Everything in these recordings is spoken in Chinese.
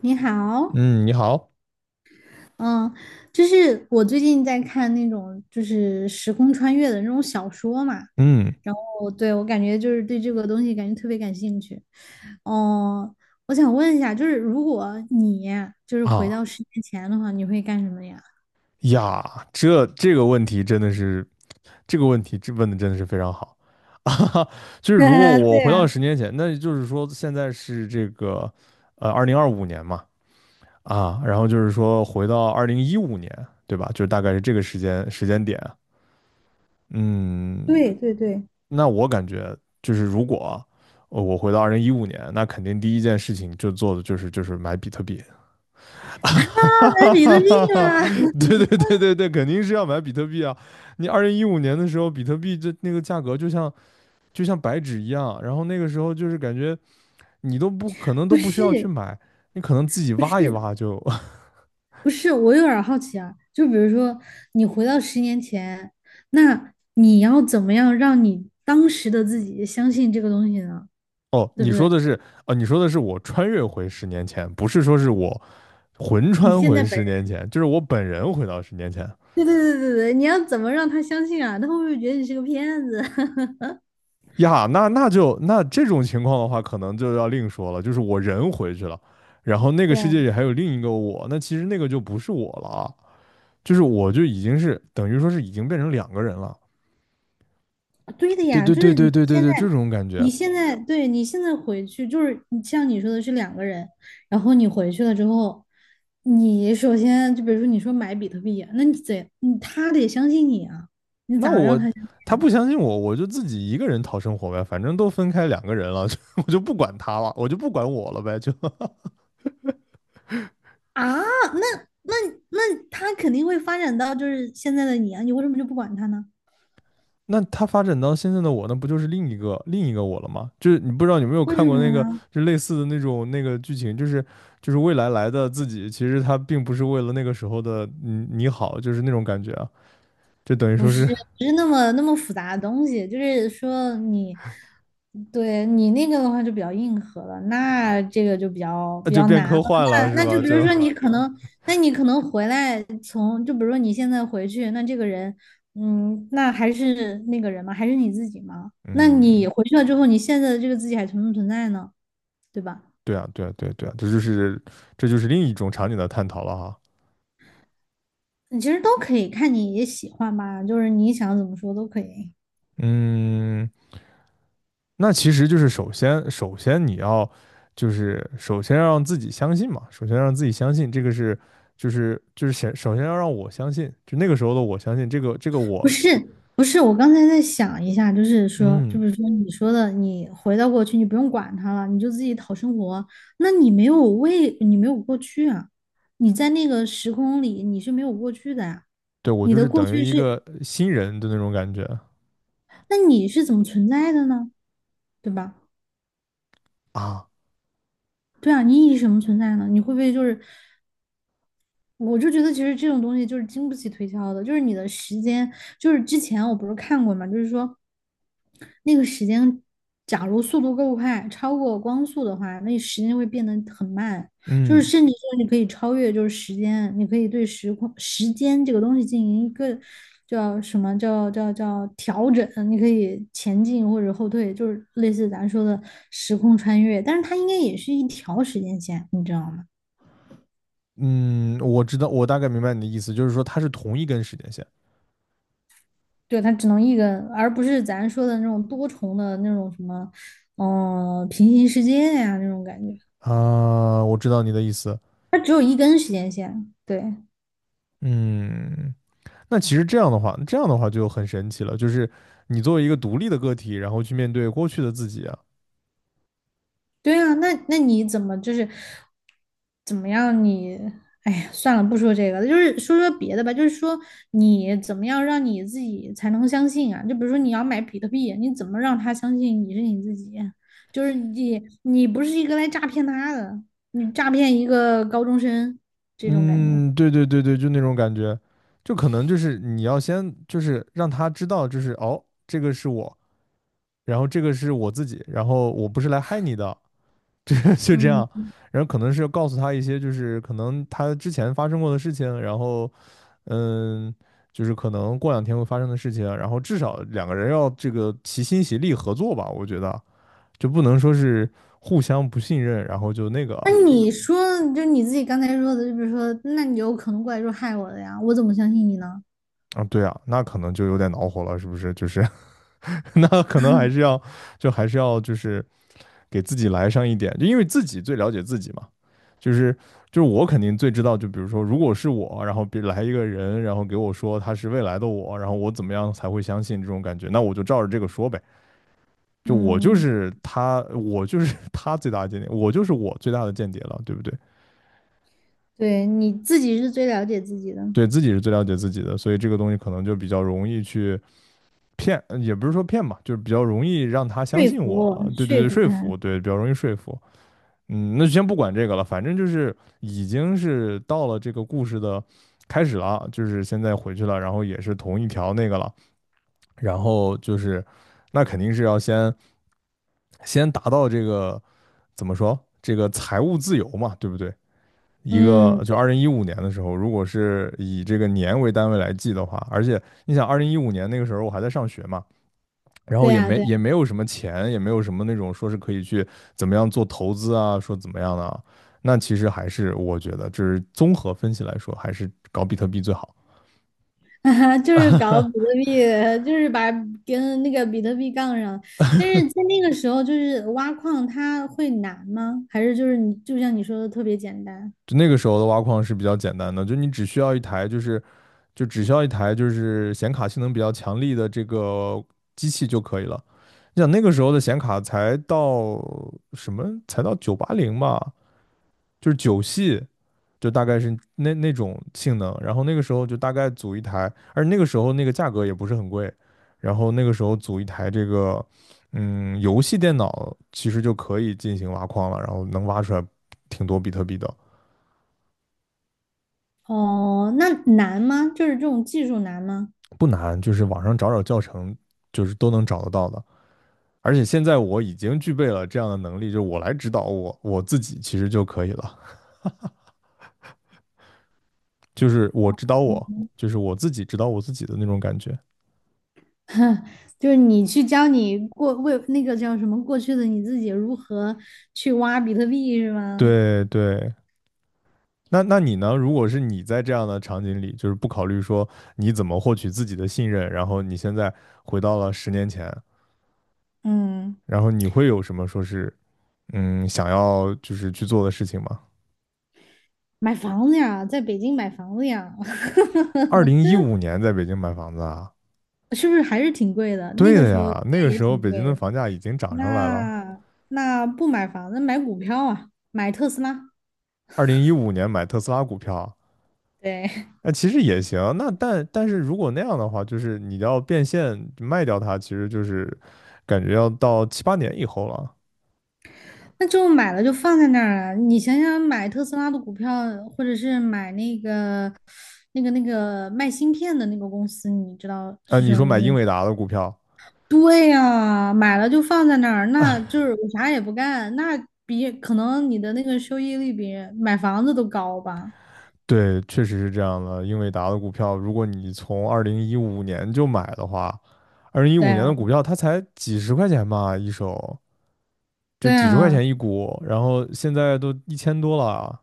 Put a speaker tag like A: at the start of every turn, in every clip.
A: 你好，
B: 嗯，你好。
A: 嗯，就是我最近在看那种就是时空穿越的那种小说嘛，
B: 嗯
A: 然后对我感觉就是对这个东西感觉特别感兴趣。哦，我想问一下，就是如果你就是回
B: 啊
A: 到十年前的话，你会干什么呀？
B: 呀，这个问题真的是，这个问题问的真的是非常好。 啊，就是 如果
A: 啊，
B: 我
A: 对
B: 回到
A: 啊，
B: 十年前，那就是说现在是这个2025年嘛。然后就是说回到二零一五年，对吧？就是大概是这个时间点。嗯，
A: 对对对，
B: 那我感觉就是如果我回到二零一五年，那肯定第一件事情就做的就是买比特币。哈
A: 当然
B: 哈
A: 比特币
B: 哈！
A: 得
B: 哈对对对对对，肯定是要买比特币啊！你二零一五年的时候，比特币那个价格就像白纸一样，然后那个时候就是感觉你都不可能 都
A: 不
B: 不需要去
A: 是，
B: 买，你可能自己
A: 不
B: 挖一
A: 是，
B: 挖就。
A: 不是，我有点儿好奇啊，就比如说你回到十年前，那你要怎么样让你当时的自己相信这个东西呢？
B: 哦，
A: 对不
B: 你说
A: 对？
B: 的是哦，你说的是我穿越回十年前，不是说是我魂
A: 你
B: 穿
A: 现在
B: 回
A: 本
B: 十年
A: 人，
B: 前，就是我本人回到十年前。
A: 对对对对对，你要怎么让他相信啊？他会不会觉得你是个骗子？
B: 呀，那这种情况的话，可能就要另说了，就是我人回去了，然后那个
A: 对
B: 世
A: 啊
B: 界里还有另一个我，那其实那个就不是我了啊，就是我就已经是等于说是已经变成两个人了。
A: 对的
B: 对
A: 呀，
B: 对
A: 就
B: 对
A: 是
B: 对
A: 你
B: 对对
A: 现
B: 对，这
A: 在，
B: 种感觉。
A: 你现在，对，你现在回去，就是你像你说的是两个人，然后你回去了之后，你首先就比如说你说买比特币啊那你得，你他得相信你啊，你
B: 那
A: 咋让
B: 我
A: 他？
B: 他不相信我，我就自己一个人讨生活呗，反正都分开两个人了，我就不管他了，我就不管我了呗，就
A: 啊，那那那他肯定会发展到就是现在的你啊，你为什么就不管他呢？
B: 那他发展到现在的我，那不就是另一个我了吗？就是你不知道有没有
A: 为
B: 看
A: 什么
B: 过那个，
A: 呢？
B: 就类似的那种那个剧情，就是未来来的自己，其实他并不是为了那个时候的你好，就是那种感觉啊，就等于
A: 不
B: 说
A: 是
B: 是。
A: 不是那么那么复杂的东西，就是说你对你那个的话就比较硬核了，那这个就比较 比
B: 就
A: 较
B: 变
A: 难了。
B: 科幻了，是
A: 那就
B: 吧？
A: 比如说你可能，那你可能回来从就比如说你现在回去，那这个人，嗯，那还是那个人吗？还是你自己吗？那你
B: 嗯，
A: 回去了之后，你现在的这个自己还存不存在呢？对吧？
B: 对啊，对啊，对啊对啊，这就是另一种场景的探讨了哈。
A: 你其实都可以看你也喜欢吧，就是你想怎么说都可以。
B: 嗯，那其实就是首先，首先你要就是首先要让自己相信嘛，首先让自己相信这个是就是先首先要让我相信，就那个时候的我相信这个
A: 不
B: 我。
A: 是不是，我刚才在想一下，就是说，就
B: 嗯，
A: 是说你说的，你回到过去，你不用管他了，你就自己讨生活。那你没有为，你没有过去啊，你在那个时空里你是没有过去的呀、
B: 对我
A: 你
B: 就
A: 的
B: 是
A: 过
B: 等于
A: 去
B: 一
A: 是，
B: 个新人的那种感觉
A: 那你是怎么存在的呢？对吧？
B: 啊。
A: 对啊，你以什么存在呢？你会不会就是我就觉得其实这种东西就是经不起推敲的，就是你的时间，就是之前我不是看过嘛，就是说那个时间，假如速度够快，超过光速的话，那时间会变得很慢，就是
B: 嗯
A: 甚至说你可以超越就是时间，你可以对时空时间这个东西进行一个叫什么叫调整，你可以前进或者后退，就是类似咱说的时空穿越，但是它应该也是一条时间线。
B: 嗯，我知道我大概明白你的意思，就是说它是同一根时间线。
A: 对，它只能一根，而不是咱说的那种多重的那种什么，嗯、平行世界呀、那种感觉，
B: 啊，我知道你的意思。
A: 它只有一根时间线。对，
B: 嗯，那其实这样的话就很神奇了，就是你作为一个独立的个体，然后去面对过去的自己。啊。
A: 对啊，那你怎么就是怎么样你？哎呀，算了，不说这个了，就是说说别的吧。就是说你怎么样让你自己才能相信啊？就比如说你要买比特币，你怎么让他相信你是你自己？就是你你不是一个来诈骗他的，你诈骗一个高中生这种感觉。
B: 嗯，对对对对，就那种感觉，就可能就是你要先就是让他知道，就是哦，这个是我，然后这个是我自己，然后我不是来害你的，这就这
A: 嗯。
B: 样。然后可能是要告诉他一些就是可能他之前发生过的事情，然后嗯，就是可能过两天会发生的事情，然后至少两个人要这个齐心协力合作吧，我觉得就不能说是互相不信任，然后就那个
A: 那你说，就你自己刚才说的，就比如说，那你有可能过来说害我的呀，我怎么相信你呢？
B: 啊，对啊，那可能就有点恼火了，是不是？就是。那可能还是要就是给自己来上一点，就因为自己最了解自己嘛，就是就是我肯定最知道，就比如说如果是我，然后别来一个人，然后给我说他是未来的我，然后我怎么样才会相信这种感觉，那我就照着这个说呗，就我就
A: 嗯，
B: 是他，我就是 他最大的间谍，我就是我最大的间谍了，对不对？
A: 对，你自己是最了解自己的，
B: 对自己是最了解自己的，所以这个东西可能就比较容易去骗，也不是说骗嘛，就是比较容易让他相
A: 说
B: 信
A: 服
B: 我，
A: 我，
B: 对对
A: 说
B: 对，
A: 服
B: 说服，
A: 他。
B: 对，比较容易说服。那就先不管这个了，反正就是已经是到了这个故事的开始了，就是现在回去了，然后也是同一条那个了，然后就是那肯定是要先达到这个怎么说这个财务自由嘛，对不对？一个
A: 嗯，
B: 就
A: 对
B: 二零一五年的时候，如果是以这个年为单位来记的话，而且你想二零一五年那个时候我还在上学嘛，然后
A: 对啊，对
B: 也
A: 啊，
B: 没有什么钱，也没有什么那种说是可以去怎么样做投资啊，说怎么样的啊，那其实还是我觉得，就是综合分析来说，还是搞比特币最好。
A: 就是搞比特币，就是把跟那个比特币杠上。但是在那个时候，就是挖矿它会难吗？还是就是你就像你说的特别简单？
B: 就那个时候的挖矿是比较简单的，就你只需要一台，就是就只需要一台就是显卡性能比较强力的这个机器就可以了。你想那个时候的显卡才到什么？才到980吧，就是九系，就大概是那种性能。然后那个时候就大概组一台，而那个时候那个价格也不是很贵。然后那个时候组一台这个，游戏电脑其实就可以进行挖矿了，然后能挖出来挺多比特币的，
A: 哦，那难吗？就是这种技术难吗？
B: 不难，就是网上找找教程，就是都能找得到的。而且现在我已经具备了这样的能力，就是我来指导我自己其实就可以了，就是我指导我，就是我自己指导我自己的那种感觉。
A: 就是你去教你过为那个叫什么过去的你自己如何去挖比特币是吗？
B: 对对，那你呢？如果是你在这样的场景里，就是不考虑说你怎么获取自己的信任，然后你现在回到了十年前，
A: 嗯，
B: 然后你会有什么说是想要就是去做的事情吗？
A: 买房子呀，在北京买房子呀，
B: 二零一五年在北京买房子啊，
A: 是不是还是挺贵的？那
B: 对
A: 个
B: 的
A: 时候应
B: 呀，那个
A: 该也
B: 时候
A: 挺
B: 北京
A: 贵
B: 的
A: 的。
B: 房价已经涨上来了。
A: 那那不买房子，买股票啊，买特斯拉。
B: 二零一五年买特斯拉股票，
A: 对，
B: 那其实也行。那但是如果那样的话，就是你要变现卖掉它，其实就是感觉要到七八年以后了。
A: 那就买了就放在那儿了。你想想，买特斯拉的股票，或者是买那个那个卖芯片的那个公司，你知道
B: 啊，
A: 是
B: 你
A: 什么
B: 说买
A: 名字
B: 英
A: 吗？
B: 伟达的股票。
A: 对呀，买了就放在那儿，那就是我啥也不干，那比可能你的那个收益率比买房子都高吧？
B: 对，确实是这样的。英伟达的股票，如果你从二零一五年就买的话，二零一
A: 对
B: 五年的
A: 啊，
B: 股票它才几十块钱吧一手，就
A: 对
B: 几十块
A: 啊，
B: 钱一股，然后现在都1000多了。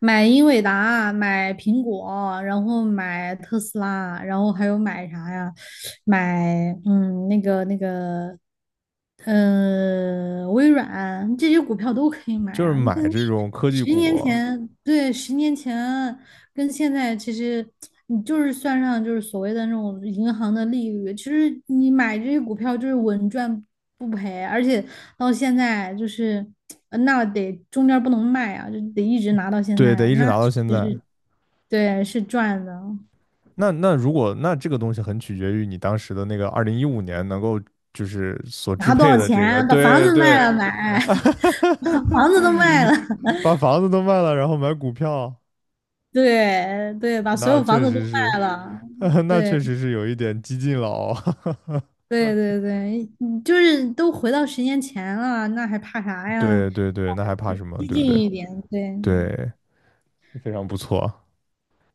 A: 买英伟达，买苹果，然后买特斯拉，然后还有买啥呀？买嗯，那个那个，微软这些股票都可以买
B: 就是
A: 啊。那
B: 买这种科技
A: 十
B: 股，
A: 年前，对，十年前。跟现在其实你就是算上就是所谓的那种银行的利率，其实你买这些股票就是稳赚不赔，而且到现在就是那得中间不能卖啊，就得一直拿到现
B: 对，得
A: 在，
B: 一直
A: 那
B: 拿到
A: 其
B: 现
A: 实
B: 在。
A: 是对是赚的，
B: 那如果那这个东西很取决于你当时的那个二零一五年能够就是所支
A: 拿多
B: 配
A: 少
B: 的这个，
A: 钱把房
B: 对
A: 子
B: 对，
A: 卖了买，把房子都卖了，
B: 把房子都卖了，然后买股票，
A: 对对，把所
B: 那
A: 有房
B: 确
A: 子都
B: 实是。
A: 卖了。
B: 那确
A: 对
B: 实是有一点激进了哦。
A: 对对对，你就是都回到十年前了，那还怕啥 呀？
B: 对对对，那还怕什么？
A: 激
B: 对不对？
A: 进一点，对
B: 对，非常不错。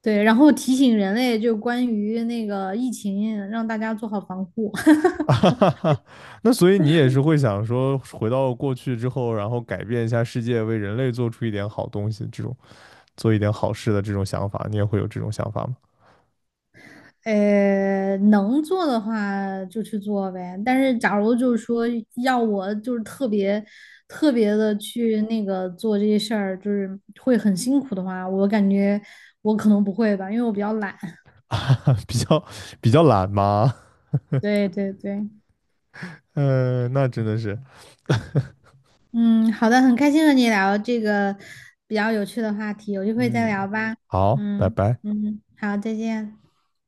A: 对，然后提醒人类就关于那个疫情，让大家做好防护。
B: 那所以你也是会想说，回到过去之后，然后改变一下世界，为人类做出一点好东西，这种做一点好事的这种想法，你也会有这种想法吗？
A: 能做的话就去做呗。但是，假如就是说要我就是特别特别的去那个做这些事儿，就是会很辛苦的话，我感觉我可能不会吧，因为我比较懒。
B: 比较懒吗？
A: 对对对，
B: 嗯，那真的是
A: 嗯，好的，很开心和你聊这个比较有趣的话题，有机会再
B: 嗯。
A: 聊吧。
B: 好，拜
A: 嗯
B: 拜。
A: 嗯，好，再见。